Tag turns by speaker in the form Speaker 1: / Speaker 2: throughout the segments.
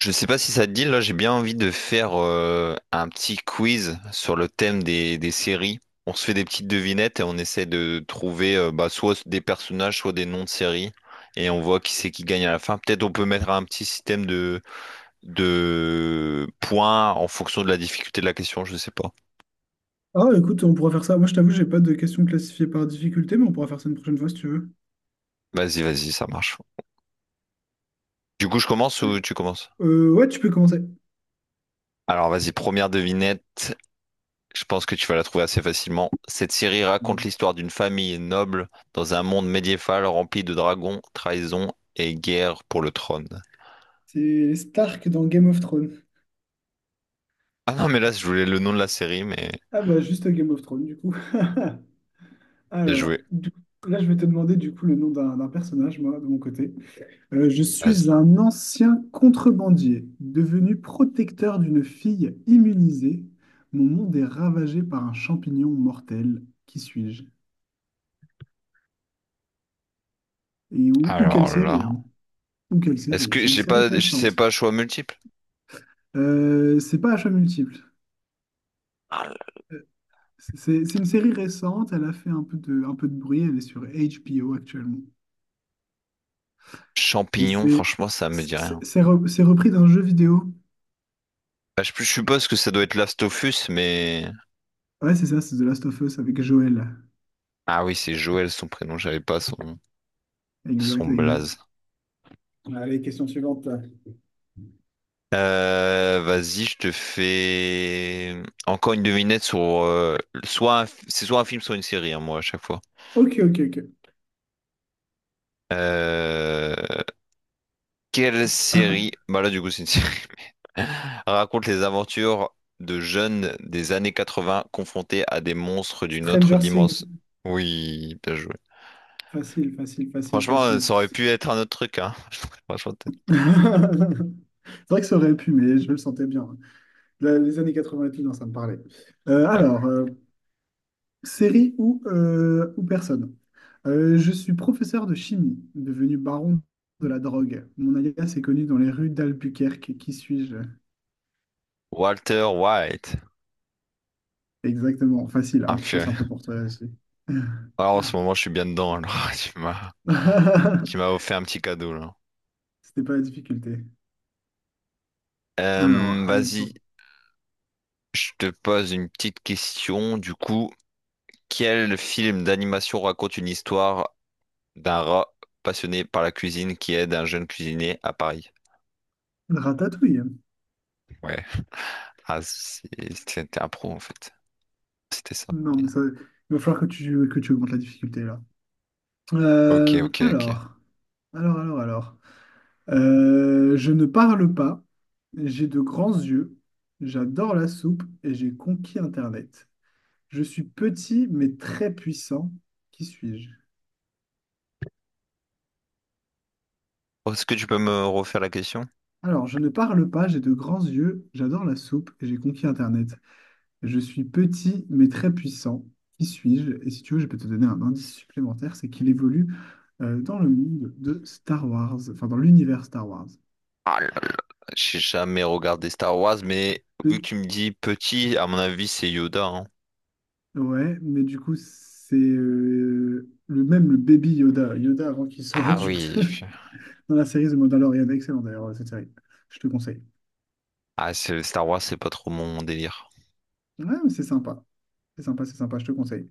Speaker 1: Je sais pas si ça te dit, là j'ai bien envie de faire un petit quiz sur le thème des séries. On se fait des petites devinettes et on essaie de trouver soit des personnages, soit des noms de séries. Et on voit qui c'est qui gagne à la fin. Peut-être on peut mettre un petit système de points en fonction de la difficulté de la question, je sais pas.
Speaker 2: Ah, écoute, on pourra faire ça. Moi, je t'avoue, j'ai pas de questions classifiées par difficulté, mais on pourra faire ça une prochaine fois si tu veux.
Speaker 1: Vas-y, vas-y, ça marche. Du coup, je commence
Speaker 2: Allez.
Speaker 1: ou tu commences?
Speaker 2: Ouais, tu peux commencer.
Speaker 1: Alors vas-y, première devinette. Je pense que tu vas la trouver assez facilement. Cette série raconte l'histoire d'une famille noble dans un monde médiéval rempli de dragons, trahisons et guerre pour le trône.
Speaker 2: C'est Stark dans Game of Thrones.
Speaker 1: Ah non, mais là, je voulais le nom de la série, mais
Speaker 2: Ah bah, juste Game of Thrones, du coup.
Speaker 1: bien
Speaker 2: Alors,
Speaker 1: joué.
Speaker 2: du- Là, je vais te demander, du coup, le nom d'un personnage, moi, de mon côté. Je
Speaker 1: Vas-y.
Speaker 2: suis un ancien contrebandier, devenu protecteur d'une fille immunisée. Mon monde est ravagé par un champignon mortel. Qui suis-je? Ou quelle
Speaker 1: Alors
Speaker 2: série,
Speaker 1: là,
Speaker 2: hein. Ou quelle
Speaker 1: est-ce
Speaker 2: série?
Speaker 1: que
Speaker 2: C'est une
Speaker 1: j'ai
Speaker 2: série
Speaker 1: pas, je sais
Speaker 2: récente.
Speaker 1: pas, choix multiple?
Speaker 2: C'est pas achat multiple.
Speaker 1: Ah, le
Speaker 2: C'est une série récente, elle a fait un peu de bruit, elle est sur HBO actuellement. Et
Speaker 1: champignon, franchement, ça me dit rien.
Speaker 2: c'est repris d'un jeu vidéo.
Speaker 1: Bah, je suppose que ça doit être Last of Us, mais
Speaker 2: Ouais, c'est ça, c'est The Last of Us avec Joel.
Speaker 1: ah oui, c'est Joël son prénom, j'avais pas son
Speaker 2: Exact,
Speaker 1: son blaze.
Speaker 2: exact. Allez, question suivante.
Speaker 1: Vas-y, je te fais encore une devinette sur soit un c'est soit un film, soit une série, hein, moi à chaque fois.
Speaker 2: Ok, ok, ok.
Speaker 1: Euh, quelle série? Bah là, du coup, c'est une série. Raconte les aventures de jeunes des années 80 confrontés à des monstres d'une autre
Speaker 2: Stranger Things.
Speaker 1: dimension. Oui, bien joué.
Speaker 2: Facile, facile, facile,
Speaker 1: Franchement,
Speaker 2: facile.
Speaker 1: ça aurait pu être un autre truc, hein. Franchement,
Speaker 2: C'est vrai que ça aurait pu, mais je le sentais bien. Les années 80 et tout, non, ça me parlait. Euh,
Speaker 1: ouais.
Speaker 2: alors, euh, Série ou, ou personne. Je suis professeur de chimie, devenu baron de la drogue. Mon alias est connu dans les rues d'Albuquerque. Qui suis-je?
Speaker 1: Walter White.
Speaker 2: Exactement. Facile,
Speaker 1: Ah,
Speaker 2: un peu trop
Speaker 1: purée.
Speaker 2: simple pour toi aussi.
Speaker 1: Ah, en ce moment, je suis bien dedans. Alors, tu m'as, tu m'as offert un petit cadeau là.
Speaker 2: C'était pas la difficulté. Alors, à mon tour.
Speaker 1: Vas-y, je te pose une petite question. Du coup, quel film d'animation raconte une histoire d'un rat passionné par la cuisine qui aide un jeune cuisinier à Paris?
Speaker 2: Ratatouille.
Speaker 1: Ouais. Ah, c'est- c'était un pro en fait. C'était ça.
Speaker 2: Non, mais ça, il va falloir que tu augmentes la difficulté là.
Speaker 1: Ok,
Speaker 2: Euh,
Speaker 1: ok, ok.
Speaker 2: alors, alors. Je ne parle pas, j'ai de grands yeux, j'adore la soupe et j'ai conquis Internet. Je suis petit mais très puissant. Qui suis-je?
Speaker 1: Est-ce que tu peux me refaire la question?
Speaker 2: Alors, je ne parle pas, j'ai de grands yeux, j'adore la soupe et j'ai conquis Internet. Je suis petit mais très puissant. Qui suis-je? Et si tu veux, je peux te donner un indice supplémentaire, c'est qu'il évolue dans le monde de Star Wars, enfin dans l'univers Star Wars.
Speaker 1: Ah là là, j'ai jamais regardé Star Wars, mais vu que tu me dis petit, à mon avis, c'est Yoda, hein.
Speaker 2: Ouais, mais du coup, c'est le baby Yoda, Yoda avant qu'il soit
Speaker 1: Ah
Speaker 2: adulte,
Speaker 1: oui.
Speaker 2: dans la série The Mandalorian. Excellent d'ailleurs, cette série. Je te conseille.
Speaker 1: Ah, c'est- Star Wars, c'est pas trop mon délire.
Speaker 2: Ouais, mais c'est sympa. C'est sympa, c'est sympa, je te conseille.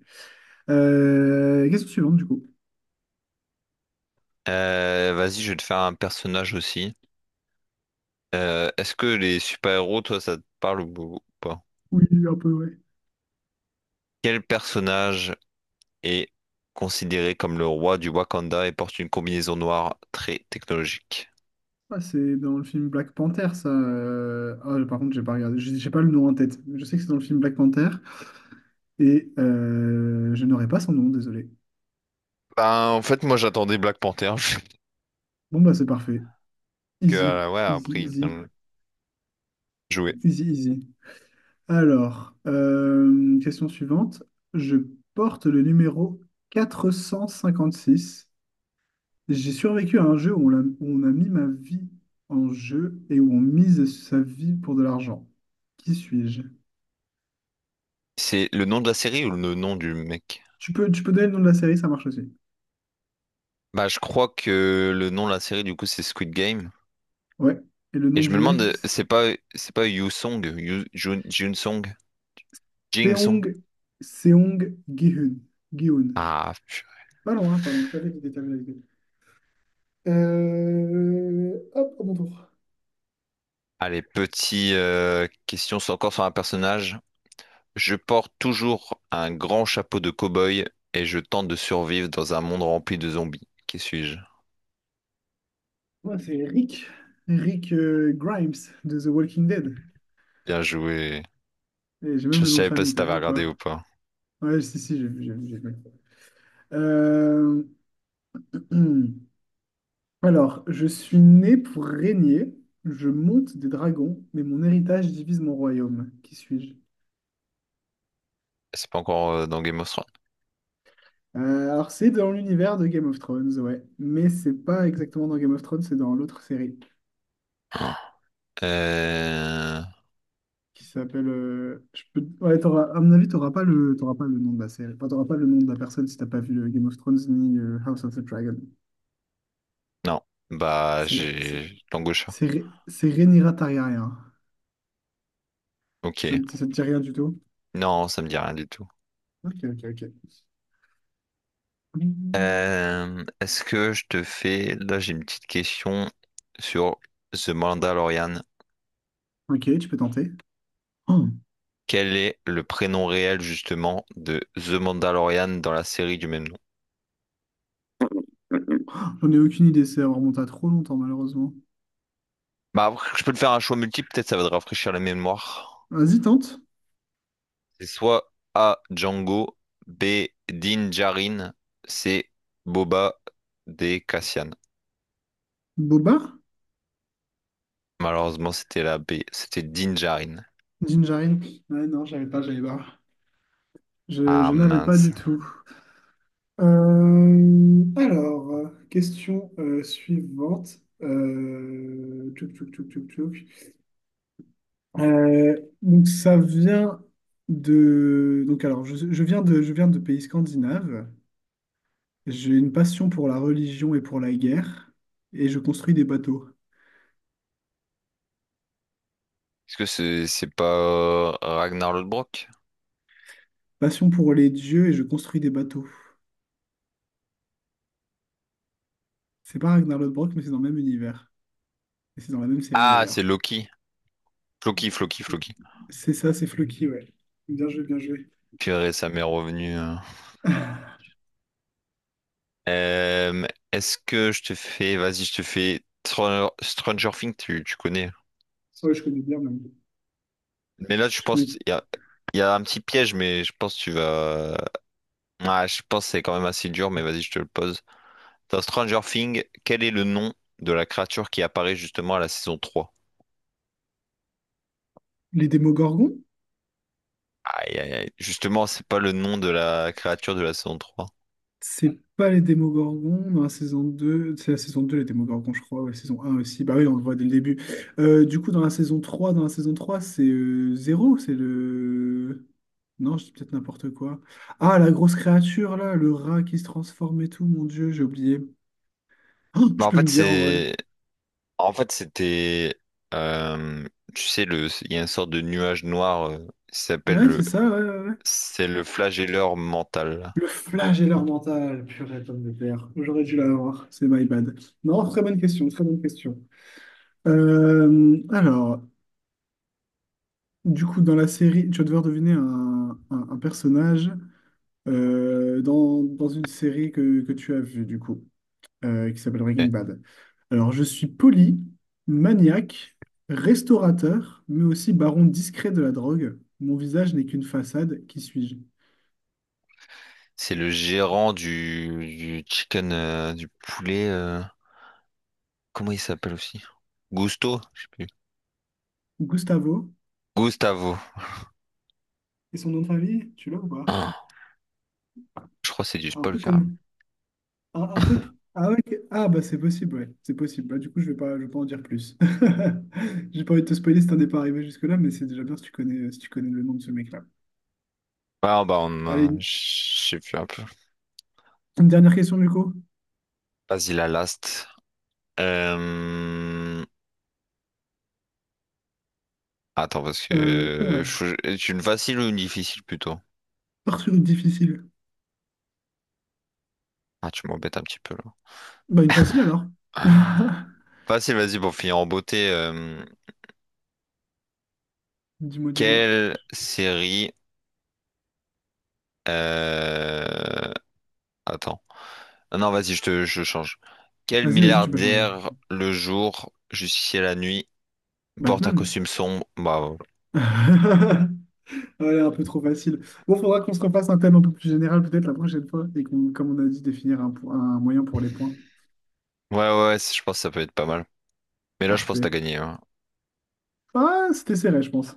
Speaker 2: Question suivante, du coup.
Speaker 1: Vas-y, je vais te faire un personnage aussi. Est-ce que les super-héros, toi, ça te parle ou pas?
Speaker 2: Oui, un peu, ouais.
Speaker 1: Quel personnage est considéré comme le roi du Wakanda et porte une combinaison noire très technologique?
Speaker 2: Ah, c'est dans le film Black Panther, ça. Ah, par contre, j'ai pas regardé, j'ai pas le nom en tête. Je sais que c'est dans le film Black Panther et je n'aurai pas son nom, désolé.
Speaker 1: Ben, en fait, moi, j'attendais Black Panther.
Speaker 2: Bon, bah, c'est parfait.
Speaker 1: Que,
Speaker 2: Easy,
Speaker 1: ouais,
Speaker 2: easy,
Speaker 1: après, il
Speaker 2: easy,
Speaker 1: vient jouer.
Speaker 2: easy, easy. Alors, question suivante. Je porte le numéro 456. J'ai survécu à un jeu où où on a mis ma vie en jeu et où on mise sa vie pour de l'argent. Qui suis-je?
Speaker 1: C'est le nom de la série ou le nom du mec?
Speaker 2: Tu peux donner le nom de la série, ça marche aussi.
Speaker 1: Bah, je crois que le nom de la série, du coup, c'est Squid Game.
Speaker 2: Ouais. Et le
Speaker 1: Et
Speaker 2: nom
Speaker 1: je me
Speaker 2: du mec,
Speaker 1: demande,
Speaker 2: c'est
Speaker 1: c'est pas Yu Song, Yu, Jun, Jun Song, Jing Song?
Speaker 2: Seong, Seong Gi-hun. Gi-hun.
Speaker 1: Ah,
Speaker 2: Pas loin, hein, pas loin. T'avais l'idée, t'avais l'idée. Hop, à mon tour.
Speaker 1: Allez, petite question encore sur un personnage. Je porte toujours un grand chapeau de cow-boy et je tente de survivre dans un monde rempli de zombies. Qui suis-je?
Speaker 2: Moi, c'est Rick. Rick Grimes de The Walking Dead.
Speaker 1: Bien joué.
Speaker 2: Et j'ai même
Speaker 1: Je
Speaker 2: le nom de
Speaker 1: savais pas
Speaker 2: famille,
Speaker 1: si
Speaker 2: t'as
Speaker 1: t'avais
Speaker 2: vu ou
Speaker 1: regardé
Speaker 2: pas?
Speaker 1: ou pas.
Speaker 2: Ouais, si, si, j'ai vu, j'ai vu, j'ai vu. Euh, Alors, je suis né pour régner, je monte des dragons, mais mon héritage divise mon royaume. Qui suis-je?
Speaker 1: C'est pas encore dans Game of Thrones.
Speaker 2: C'est dans l'univers de Game of Thrones, ouais. Mais c'est pas exactement dans Game of Thrones, c'est dans l'autre série
Speaker 1: Euh...
Speaker 2: qui s'appelle. Je peux... Ouais, à mon avis, t'auras pas le nom de la série. Enfin, t'auras pas le nom de la personne si t'as pas vu Game of Thrones ni House of the Dragon.
Speaker 1: Non. Bah,
Speaker 2: C'est c'est-
Speaker 1: j'ai l'angosha.
Speaker 2: c'est Rhaenyra Targaryen.
Speaker 1: Ok.
Speaker 2: Ça ne te dit rien du tout?
Speaker 1: Non, ça me dit rien du tout.
Speaker 2: Ok, ok, ok. Mm.
Speaker 1: Est-ce que je te fais... Là, j'ai une petite question sur The Mandalorian.
Speaker 2: Ok, tu peux tenter. Oh,
Speaker 1: Quel est le prénom réel justement de The Mandalorian dans la série du même nom?
Speaker 2: j'en ai aucune idée, ça remonte à trop longtemps, malheureusement.
Speaker 1: Bah, après, je peux te faire un choix multiple, peut-être ça va te rafraîchir la mémoire.
Speaker 2: Vas-y, tente.
Speaker 1: C'est soit A. Django, B. Din Djarin, C. Boba, D. Cassian.
Speaker 2: Boba?
Speaker 1: Malheureusement, c'était la B, c'était Din Djarin.
Speaker 2: Gingerine? Ouais, non, j'avais pas.
Speaker 1: Ah
Speaker 2: Je n'avais pas
Speaker 1: mince.
Speaker 2: du tout. Question suivante. Tchouk, tchouk, tchouk, tchouk, tchouk. Euh, donc, ça vient de. Donc, alors, je viens je viens de pays scandinaves. J'ai une passion pour la religion et pour la guerre, et je construis des bateaux.
Speaker 1: Est-ce que c'est pas Ragnar Lodbrok?
Speaker 2: Passion pour les dieux et je construis des bateaux. C'est pas Ragnar Lodbrok, mais c'est dans le même univers. Et c'est dans la même série
Speaker 1: Ah, c'est
Speaker 2: d'ailleurs.
Speaker 1: Loki. Floki, Floki, Floki.
Speaker 2: C'est ça, c'est Floki, ouais. Bien joué, bien joué.
Speaker 1: Purée, ça m'est revenu. Euh, est-ce que je te fais, vas-y, je te fais Stranger Things, tu connais.
Speaker 2: Ouais, je connais bien même.
Speaker 1: Mais là, je
Speaker 2: Je connais
Speaker 1: pense, il y a un petit piège, mais je pense que tu vas. Ah, je pense que c'est quand même assez dur, mais vas-y, je te le pose. Dans Stranger Things, quel est le nom de la créature qui apparaît justement à la saison trois.
Speaker 2: les Démogorgons?
Speaker 1: Aïe, aïe, aïe. Justement, c'est pas le nom de la créature de la saison 3.
Speaker 2: C'est pas les Démogorgons dans la saison 2. C'est la saison 2 les Démogorgons, je crois. Ouais, saison un aussi. Bah oui, on le voit dès le début. Dans la saison 3, c'est Zéro. C'est le. Non, je dis peut-être n'importe quoi. Ah, la grosse créature, là, le rat qui se transforme et tout, mon Dieu, j'ai oublié. Oh,
Speaker 1: Bah,
Speaker 2: tu
Speaker 1: en
Speaker 2: peux
Speaker 1: fait,
Speaker 2: me dire en vrai.
Speaker 1: c'est. En fait, c'était. euh, Tu sais, le... il y a une sorte de nuage noir, qui
Speaker 2: Ouais,
Speaker 1: s'appelle
Speaker 2: c'est ça, ouais, ouais, ouais.
Speaker 1: C'est le flagelleur mental.
Speaker 2: Le flagelleur mental, purée, pomme de terre. J'aurais dû l'avoir, c'est my bad. Non, très bonne question, très bonne question. Euh, alors, Du coup, dans la série, tu vas devoir deviner un personnage dans une série que tu as vue, du coup, qui s'appelle Breaking
Speaker 1: Ok.
Speaker 2: Bad. Alors, je suis poli, maniaque, restaurateur, mais aussi baron discret de la drogue. Mon visage n'est qu'une façade, qui suis-je?
Speaker 1: C'est le gérant du chicken, du poulet. Comment il s'appelle aussi? Gusto? Je sais plus.
Speaker 2: Gustavo,
Speaker 1: Gustavo.
Speaker 2: et son nom de famille, tu l'as ou pas?
Speaker 1: Ah, je crois que c'est du
Speaker 2: Un
Speaker 1: spoil
Speaker 2: peu
Speaker 1: carrément.
Speaker 2: comme un peu. Ah, ok. Ah, bah, c'est possible, ouais. C'est possible. Bah, du coup, je vais pas en dire plus. J'ai pas envie de te spoiler si t'en es pas arrivé jusque-là, mais c'est déjà bien si tu connais, si tu connais le nom de ce mec-là. Allez,
Speaker 1: Je sais plus un peu.
Speaker 2: une dernière question, du coup.
Speaker 1: Vas-y la last. Euh, Attends parce que
Speaker 2: Ah,
Speaker 1: est-ce une facile ou une difficile plutôt?
Speaker 2: pars sur une difficile.
Speaker 1: Ah tu m'embêtes un petit peu là.
Speaker 2: Bah, une facile alors.
Speaker 1: Ah. Facile, vas-y pour finir en beauté.
Speaker 2: Dis-moi, dis-moi.
Speaker 1: Quelle série? euh, Attends. Ah non, vas-y, je change. Quel
Speaker 2: Vas-y, vas-y, tu peux changer. Tu peux
Speaker 1: milliardaire
Speaker 2: changer.
Speaker 1: le jour, justicier la nuit, porte un
Speaker 2: Batman.
Speaker 1: costume sombre? Bah, ouais,
Speaker 2: Ouais, un peu trop facile. Bon, faudra qu'on se refasse un thème un peu plus général peut-être la prochaine fois et comme on a dit, définir un moyen pour les points.
Speaker 1: ouais, je pense que ça peut être pas mal. Mais là, je pense que t'as
Speaker 2: Parfait.
Speaker 1: gagné. Hein.
Speaker 2: Ah, c'était serré, je pense.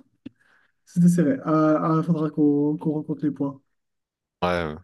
Speaker 2: C'était serré. Il faudra qu'on rencontre les points.
Speaker 1: Ouais, ouais.